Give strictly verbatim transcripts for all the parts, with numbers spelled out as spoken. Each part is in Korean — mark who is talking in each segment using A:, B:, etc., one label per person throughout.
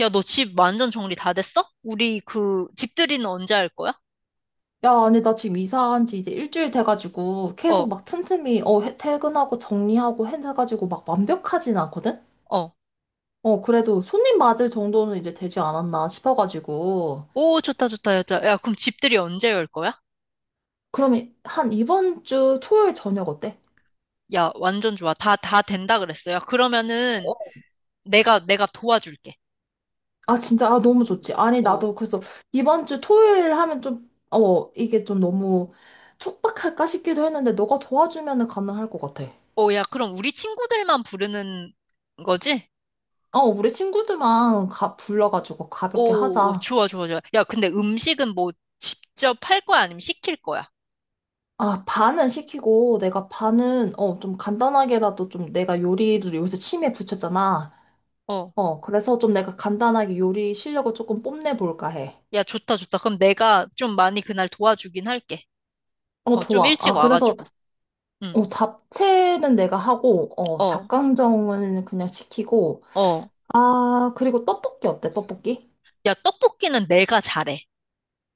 A: 야, 너 집 완전 정리 다 됐어? 우리 그 집들이는 언제 할 거야?
B: 야, 아니, 나 지금 이사한 지 이제 일주일 돼가지고 계속
A: 어,
B: 막 틈틈이, 어, 해- 퇴근하고 정리하고 해가지고 막 완벽하진 않거든?
A: 어.
B: 어, 그래도 손님 맞을 정도는 이제 되지 않았나 싶어가지고.
A: 오, 좋다, 좋다, 좋다. 야, 그럼 집들이 언제 열 거야?
B: 그러면 한 이번 주 토요일 저녁 어때?
A: 야, 완전 좋아. 다, 다 된다 그랬어. 야, 그러면은
B: 어?
A: 내가, 내가 도와줄게.
B: 아, 진짜, 아, 너무 좋지. 아니,
A: 어,
B: 나도 그래서 이번 주 토요일 하면 좀, 어, 이게 좀 너무 촉박할까 싶기도 했는데 너가 도와주면 가능할 것 같아.
A: 어, 야, 그럼 우리 친구들만 부르는 거지?
B: 어, 우리 친구들만 가, 불러가지고 가볍게
A: 오, 오,
B: 하자.
A: 좋아, 좋아, 좋아. 야, 근데 음식은 뭐 직접 할 거야? 아니면 시킬 거야?
B: 아, 반은 시키고, 내가 반은, 어, 좀 간단하게라도 좀 내가 요리를 요새 취미에 붙였잖아.
A: 어,
B: 어, 그래서 좀 내가 간단하게 요리 실력을 조금 뽐내볼까 해.
A: 야, 좋다, 좋다. 그럼 내가 좀 많이 그날 도와주긴 할게.
B: 어,
A: 어, 좀
B: 좋아.
A: 일찍
B: 아, 그래서,
A: 와가지고. 응,
B: 어, 잡채는 내가 하고, 어,
A: 어,
B: 닭강정은 그냥 시키고,
A: 어.
B: 아, 그리고 떡볶이 어때, 떡볶이?
A: 야, 떡볶이는 내가 잘해.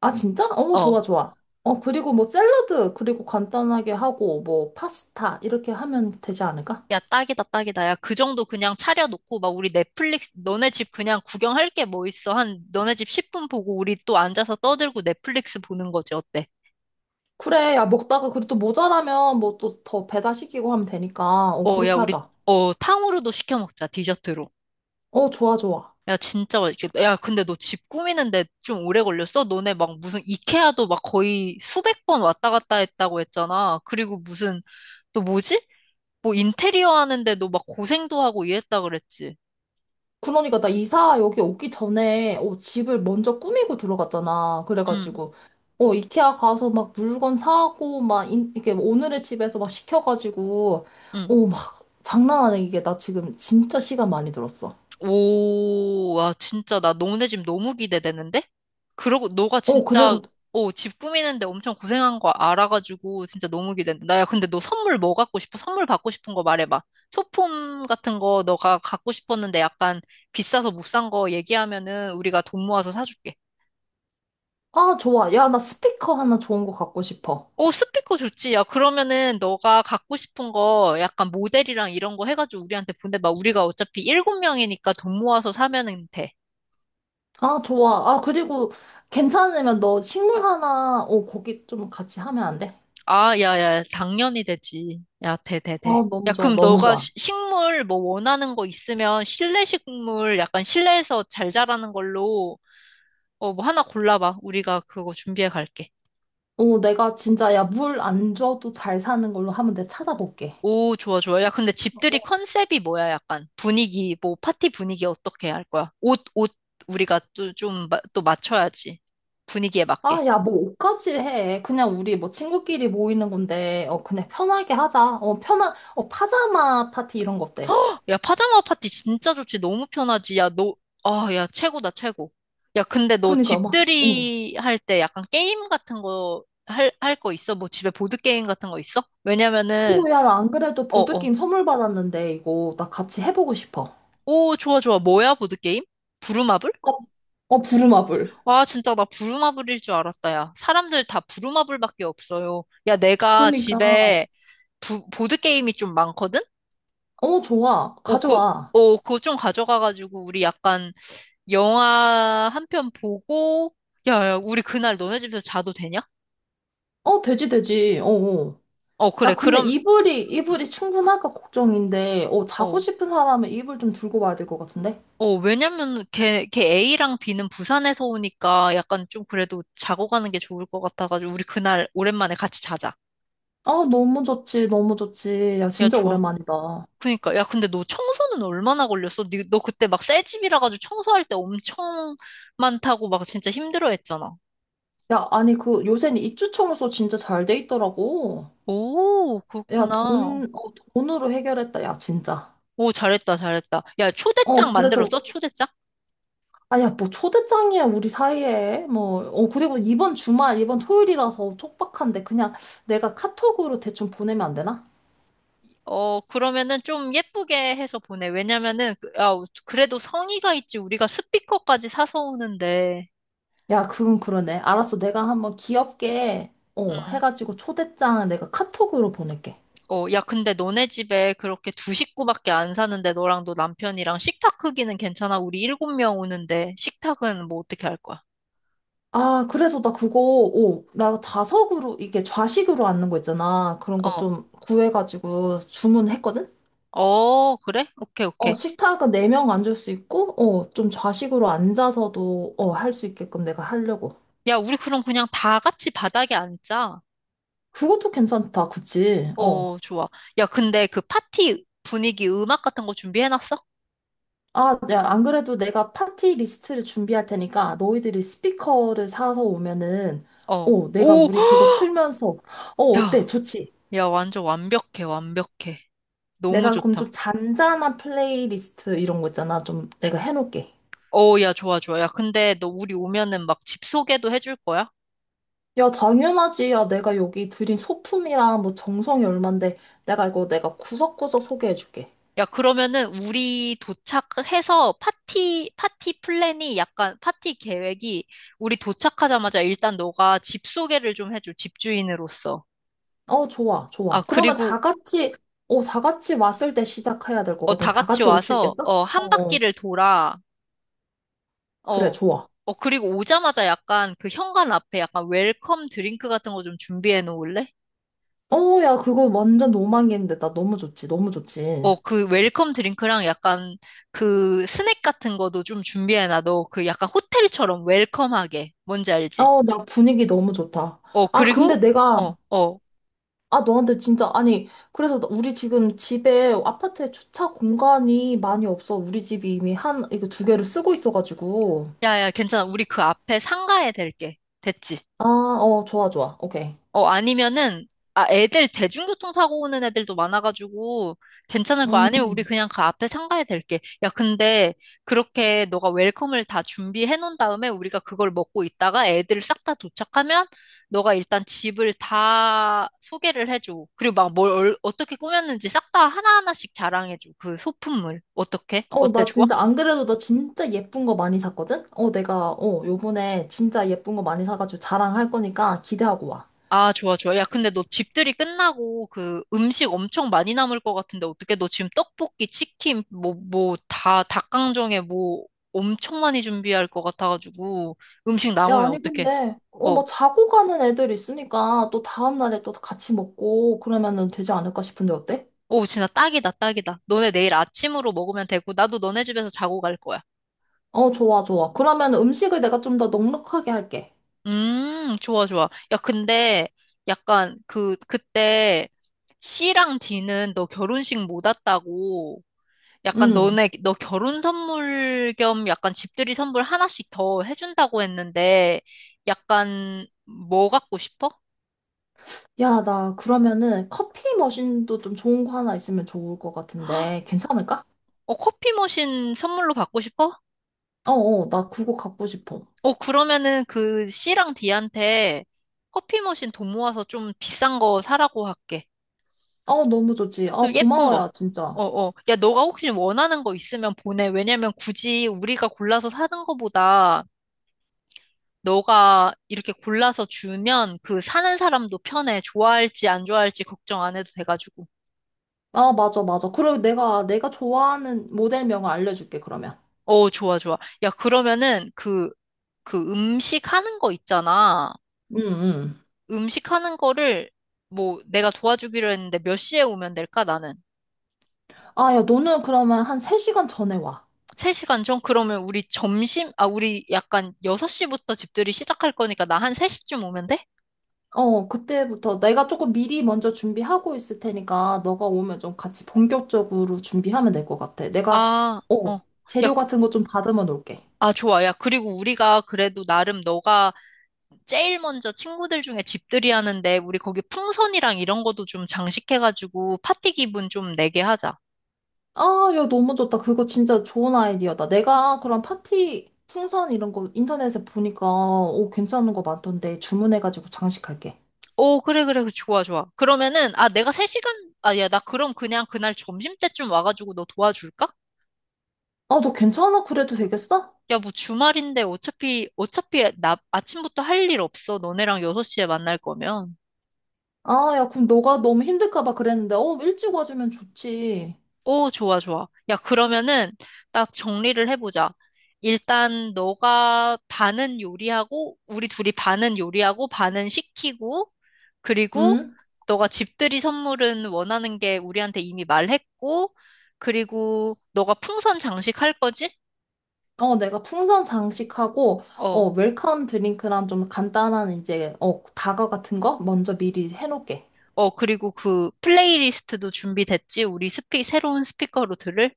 B: 아, 진짜? 어,
A: 어.
B: 좋아, 좋아. 어, 그리고 뭐 샐러드, 그리고 간단하게 하고, 뭐 파스타, 이렇게 하면 되지 않을까?
A: 야, 딱이다, 딱이다. 야, 그 정도 그냥 차려놓고, 막, 우리 넷플릭스, 너네 집 그냥 구경할 게 뭐 있어. 한, 너네 집 십 분 보고, 우리 또 앉아서 떠들고 넷플릭스 보는 거지, 어때?
B: 그래, 야, 먹다가 그래도 모자라면 뭐 또 더 배달시키고 하면 되니까. 어,
A: 어, 야,
B: 그렇게
A: 우리,
B: 하자.
A: 어, 탕후루도 시켜 먹자, 디저트로.
B: 어, 좋아, 좋아.
A: 야, 진짜 맛있겠다. 야, 근데 너 집 꾸미는데 좀 오래 걸렸어? 너네 막 무슨 이케아도 막 거의 수백 번 왔다 갔다 했다고 했잖아. 그리고 무슨, 또 뭐지? 뭐 인테리어 하는데도 막 고생도 하고 이랬다 그랬지.
B: 그러니까 나 이사 여기 오기 전에 어, 집을 먼저 꾸미고 들어갔잖아.
A: 응,
B: 그래가지고 어, 이케아 가서 막 물건 사고 막 인, 이게 오늘의 집에서 막 시켜가지고 어,
A: 응.
B: 막 장난 아니게 이게 나 지금 진짜 시간 많이 들었어.
A: 오, 와, 진짜, 나 너네 집 너무 기대되는데? 그러고, 너가
B: 어,
A: 진짜,
B: 그리고
A: 오, 집 꾸미는데 엄청 고생한 거 알아가지고, 진짜 너무 기대된다. 나야, 근데 너 선물 뭐 갖고 싶어? 선물 받고 싶은 거 말해봐. 소품 같은 거 너가 갖고 싶었는데 약간 비싸서 못 산 거 얘기하면은 우리가 돈 모아서 사줄게.
B: 아, 좋아. 야, 나 스피커 하나 좋은 거 갖고 싶어.
A: 오, 스피커 좋지. 야, 그러면은 너가 갖고 싶은 거 약간 모델이랑 이런 거 해가지고 우리한테 보내봐. 우리가 어차피 일곱 명이니까 돈 모아서 사면은 돼.
B: 아, 좋아. 아, 그리고 괜찮으면 너 식물 하나, 어, 거기 좀 같이 하면 안 돼?
A: 아, 야, 야, 당연히 되지. 야, 돼, 돼, 돼.
B: 어,
A: 야,
B: 너무 좋아,
A: 그럼
B: 너무
A: 너가
B: 좋아.
A: 시- 식물 뭐 원하는 거 있으면 실내 식물 약간 실내에서 잘 자라는 걸로 어, 뭐 하나 골라봐. 우리가 그거 준비해 갈게.
B: 어, 내가 진짜, 야, 물 안 줘도 잘 사는 걸로 한번 내가 찾아볼게.
A: 오, 좋아, 좋아. 야, 근데 집들이
B: 어.
A: 컨셉이 뭐야? 약간 분위기, 뭐 파티 분위기 어떻게 할 거야? 옷, 옷, 우리가 또 좀, 마- 또 맞춰야지. 분위기에
B: 아,
A: 맞게.
B: 야, 뭐 옷까지 해. 그냥 우리 뭐 친구끼리 모이는 건데, 어, 그냥 편하게 하자. 어, 편한, 어, 파자마 파티 이런 거 어때?
A: 야, 파자마 파티 진짜 좋지. 너무 편하지. 야, 너, 아, 야, 최고다, 최고. 야, 근데 너
B: 그니까 막, 어.
A: 집들이 할 때 약간 게임 같은 거 할, 할 거 있어? 뭐 집에 보드게임 같은 거 있어? 왜냐면은,
B: 어, 야, 나 안 그래도
A: 어, 어.
B: 보드게임 선물 받았는데, 이거 나 같이 해보고 싶어.
A: 오, 좋아, 좋아. 뭐야, 보드게임? 부루마블?
B: 어, 어, 부루마블.
A: 아, 진짜 나 부루마블일 줄 알았다, 야. 사람들 다 부루마블밖에 없어요. 야, 내가
B: 그니까.
A: 집에 부, 보드게임이 좀 많거든?
B: 어, 좋아.
A: 오, 그,
B: 가져와.
A: 오, 그거 좀 가져가가지고 우리 약간 영화 한 편 보고, 야, 야, 우리 그날 너네 집에서 자도 되냐?
B: 어, 되지, 되지. 어, 어.
A: 어, 그래.
B: 야, 근데
A: 그럼,
B: 이불이, 이불이 충분할까 걱정인데, 어, 자고
A: 어,
B: 싶은 사람은 이불 좀 들고 와야 될 것 같은데?
A: 어, 왜냐면 걔, 걔 A랑 B는 부산에서 오니까 약간 좀 그래도 자고 가는 게 좋을 것 같아가지고, 우리 그날 오랜만에 같이 자자.
B: 아, 너무 좋지, 너무 좋지. 야,
A: 야,
B: 진짜
A: 좋아.
B: 오랜만이다.
A: 그니까. 야, 근데 너 청소는 얼마나 걸렸어? 니- 너 그때 막 새 집이라 가지고 청소할 때 엄청 많다고 막 진짜 힘들어 했잖아.
B: 야, 아니, 그, 요새는 입주 청소 진짜 잘 돼 있더라고.
A: 오,
B: 야,
A: 그렇구나.
B: 돈, 어, 돈으로 해결했다, 야, 진짜.
A: 오, 잘했다, 잘했다. 야,
B: 어,
A: 초대장
B: 그래서,
A: 만들었어? 초대장?
B: 아, 야, 뭐, 초대장이야, 우리 사이에. 뭐, 어, 그리고 이번 주말, 이번 토요일이라서 촉박한데, 그냥 내가 카톡으로 대충 보내면 안 되나?
A: 어, 그러면은 좀 예쁘게 해서 보내. 왜냐면은, 그- 야, 그래도 성의가 있지. 우리가 스피커까지 사서 오는데.
B: 야, 그건 그러네. 알았어. 내가 한번 귀엽게, 어,
A: 음.
B: 해가지고 초대장 내가 카톡으로 보낼게.
A: 어, 야, 근데 너네 집에 그렇게 두 식구밖에 안 사는데 너랑 너 남편이랑 식탁 크기는 괜찮아? 우리 일곱 명 오는데 식탁은 뭐 어떻게 할 거야?
B: 아, 그래서 나 그거, 오, 나 좌석으로, 이게 좌식으로 앉는 거 있잖아. 그런 거
A: 어.
B: 좀 구해가지고 주문했거든?
A: 어, 그래? 오케이,
B: 어,
A: 오케이.
B: 식탁은 네 명 앉을 수 있고, 어, 좀 좌식으로 앉아서도, 어, 할 수 있게끔 내가 하려고.
A: 야, 우리 그럼 그냥 다 같이 바닥에 앉자.
B: 그것도 괜찮다. 그치? 어.
A: 어, 좋아. 야, 근데 그 파티 분위기 음악 같은 거 준비해놨어?
B: 아, 야, 안 그래도 내가 파티 리스트를 준비할 테니까 너희들이 스피커를 사서 오면은,
A: 어.
B: 어, 내가
A: 오,
B: 우리 그거 틀면서, 어, 어때?
A: 야.
B: 좋지?
A: 야, 완전 완벽해, 완벽해. 너무
B: 내가 그럼 좀
A: 좋다.
B: 잔잔한 플레이리스트 이런 거 있잖아. 좀 내가 해놓을게.
A: 어, 야, 좋아, 좋아. 야, 근데 너 우리 오면은 막 집 소개도 해줄 거야?
B: 야, 당연하지. 야, 내가 여기 들인 소품이랑 뭐 정성이 얼만데 내가 이거 내가 구석구석 소개해줄게.
A: 야, 그러면은 우리 도착해서 파티, 파티 플랜이 약간, 파티 계획이 우리 도착하자마자 일단 너가 집 소개를 좀 해줘, 집주인으로서.
B: 어, 좋아,
A: 아,
B: 좋아. 그러면
A: 그리고,
B: 다 같이, 어, 다 같이 왔을 때 시작해야 될
A: 어,
B: 거거든.
A: 다
B: 다
A: 같이
B: 같이 올 수
A: 와서,
B: 있겠어?
A: 어,
B: 어,
A: 한
B: 어.
A: 바퀴를 돌아.
B: 그래,
A: 어,
B: 좋아.
A: 어, 그리고 오자마자 약간 그 현관 앞에 약간 웰컴 드링크 같은 거 좀 준비해 놓을래?
B: 어, 야, 그거 완전 로망이었는데, 나 너무 좋지, 너무 좋지.
A: 어, 그 웰컴 드링크랑 약간 그 스낵 같은 것도 좀 준비해놔. 너그 약간 호텔처럼 웰컴하게. 뭔지 알지?
B: 어, 나 분위기 너무 좋다.
A: 어,
B: 아, 근데
A: 그리고,
B: 내가,
A: 어, 어.
B: 아, 너한테 진짜, 아니, 그래서 나- 우리 지금 집에, 아파트에 주차 공간이 많이 없어. 우리 집이 이미 한, 이거 두 개를 쓰고 있어가지고.
A: 야, 야, 괜찮아. 우리 그 앞에 상가에 댈게. 됐지?
B: 아, 어, 좋아, 좋아. 오케이.
A: 어, 아니면은, 아, 애들 대중교통 사고 오는 애들도 많아가지고 괜찮을 거야.
B: 음,
A: 아니면 우리 그냥 그 앞에 상가에 댈게. 야, 근데 그렇게 너가 웰컴을 다 준비해 놓은 다음에 우리가 그걸 먹고 있다가 애들 싹 다 도착하면 너가 일단 집을 다 소개를 해줘. 그리고 막 뭘 어떻게 꾸몄는지 싹 다 하나하나씩 자랑해줘. 그 소품물. 어떻게?
B: 어,
A: 어때?
B: 나
A: 좋아?
B: 진짜, 안 그래도 나 진짜 예쁜 거 많이 샀거든? 어, 내가, 어, 요번에 진짜 예쁜 거 많이 사가지고 자랑할 거니까 기대하고 와.
A: 아, 좋아, 좋아. 야, 근데 너 집들이 끝나고 그 음식 엄청 많이 남을 것 같은데 어떻게 너 지금 떡볶이, 치킨, 뭐, 뭐, 다, 닭강정에 뭐 엄청 많이 준비할 것 같아가지고 음식
B: 야,
A: 남으면
B: 아니,
A: 어떡해?
B: 근데, 어,
A: 어,
B: 뭐, 자고 가는 애들 있으니까, 또 다음날에 또 같이 먹고, 그러면은 되지 않을까 싶은데, 어때?
A: 오, 진짜 딱이다, 딱이다. 너네 내일 아침으로 먹으면 되고 나도 너네 집에서 자고 갈 거야.
B: 어, 좋아, 좋아. 그러면 음식을 내가 좀 더 넉넉하게 할게.
A: 음, 좋아, 좋아. 야, 근데 약간 그, 그때 C랑 D는 너 결혼식 못 왔다고 약간
B: 음.
A: 너네, 너 결혼 선물 겸 약간 집들이 선물 하나씩 더 해준다고 했는데, 약간 뭐 갖고 싶어?
B: 야, 나, 그러면은, 커피 머신도 좀 좋은 거 하나 있으면 좋을 것 같은데, 괜찮을까?
A: 어, 커피 머신 선물로 받고 싶어?
B: 어, 어, 나 그거 갖고 싶어.
A: 어, 그러면은 그 C랑 D한테 커피 머신 돈 모아서 좀 비싼 거 사라고 할게.
B: 어, 너무 좋지. 아,
A: 또 예쁜
B: 고마워,
A: 거.
B: 야, 진짜.
A: 어, 어. 야, 너가 혹시 원하는 거 있으면 보내. 왜냐면 굳이 우리가 골라서 사는 거보다 너가 이렇게 골라서 주면 그 사는 사람도 편해. 좋아할지 안 좋아할지 걱정 안 해도 돼가지고.
B: 아, 맞아, 맞아. 그리고 내가, 내가 좋아하는 모델명을 알려줄게, 그러면.
A: 어, 좋아, 좋아. 야, 그러면은 그, 그 음식 하는 거 있잖아.
B: 응, 응.
A: 음식 하는 거를 뭐 내가 도와주기로 했는데 몇 시에 오면 될까, 나는?
B: 아, 야, 너는 그러면 한 세 시간 전에 와.
A: 세 시간 전? 그러면 우리 점심, 아, 우리 약간 여섯 시부터 집들이 시작할 거니까 나 한 세 시쯤 오면 돼?
B: 어, 그때부터 내가 조금 미리 먼저 준비하고 있을 테니까 너가 오면 좀 같이 본격적으로 준비하면 될 것 같아. 내가,
A: 아,
B: 어,
A: 어. 야,
B: 재료
A: 그,
B: 같은 거 좀 다듬어 놓을게.
A: 아, 좋아. 야, 그리고 우리가 그래도 나름 너가 제일 먼저 친구들 중에 집들이 하는데 우리 거기 풍선이랑 이런 것도 좀 장식해가지고 파티 기분 좀 내게 하자.
B: 아, 야, 너무 좋다. 그거 진짜 좋은 아이디어다. 내가 그런 파티 풍선 이런 거 인터넷에 보니까, 오, 괜찮은 거 많던데 주문해가지고 장식할게.
A: 오, 그래, 그래, 좋아, 좋아. 그러면은, 아, 내가 세 시간, 아, 야, 나 그럼 그냥 그날 점심때쯤 와가지고 너 도와줄까?
B: 아, 너 괜찮아? 그래도 되겠어?
A: 야, 뭐 주말인데 어차피, 어차피 나 아침부터 할 일 없어. 너네랑 여섯 시에 만날 거면.
B: 아, 야, 그럼 너가 너무 힘들까 봐 그랬는데, 어, 일찍 와주면 좋지.
A: 오, 좋아, 좋아. 야, 그러면은 딱 정리를 해보자. 일단 너가 반은 요리하고, 우리 둘이 반은 요리하고, 반은 시키고, 그리고
B: 응?
A: 너가 집들이 선물은 원하는 게 우리한테 이미 말했고, 그리고 너가 풍선 장식할 거지?
B: 어, 내가 풍선 장식하고, 어,
A: 어,
B: 웰컴 드링크랑 좀 간단한 이제, 어, 다과 같은 거 먼저 미리 해놓을게.
A: 어, 그리고 그 플레이리스트도 준비됐지? 우리 스피, 새로운 스피커로 들을?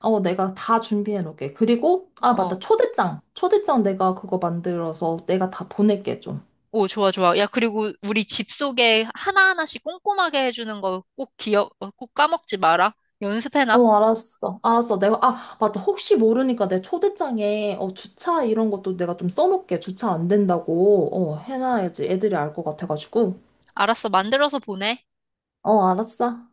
B: 어, 내가 다 준비해놓을게. 그리고, 아,
A: 어.
B: 맞다. 초대장. 초대장 내가 그거 만들어서 내가 다 보낼게, 좀.
A: 오, 좋아, 좋아. 야, 그리고 우리 집 소개 하나하나씩 꼼꼼하게 해주는 거 꼭 기억, 어, 꼭 까먹지 마라. 연습해놔.
B: 어, 알았어. 알았어. 내가, 아, 맞다. 혹시 모르니까 내 초대장에, 어, 주차 이런 것도 내가 좀 써놓을게. 주차 안 된다고, 어, 해놔야지. 애들이 알 것 같아가지고.
A: 알았어, 만들어서 보내.
B: 어, 알았어.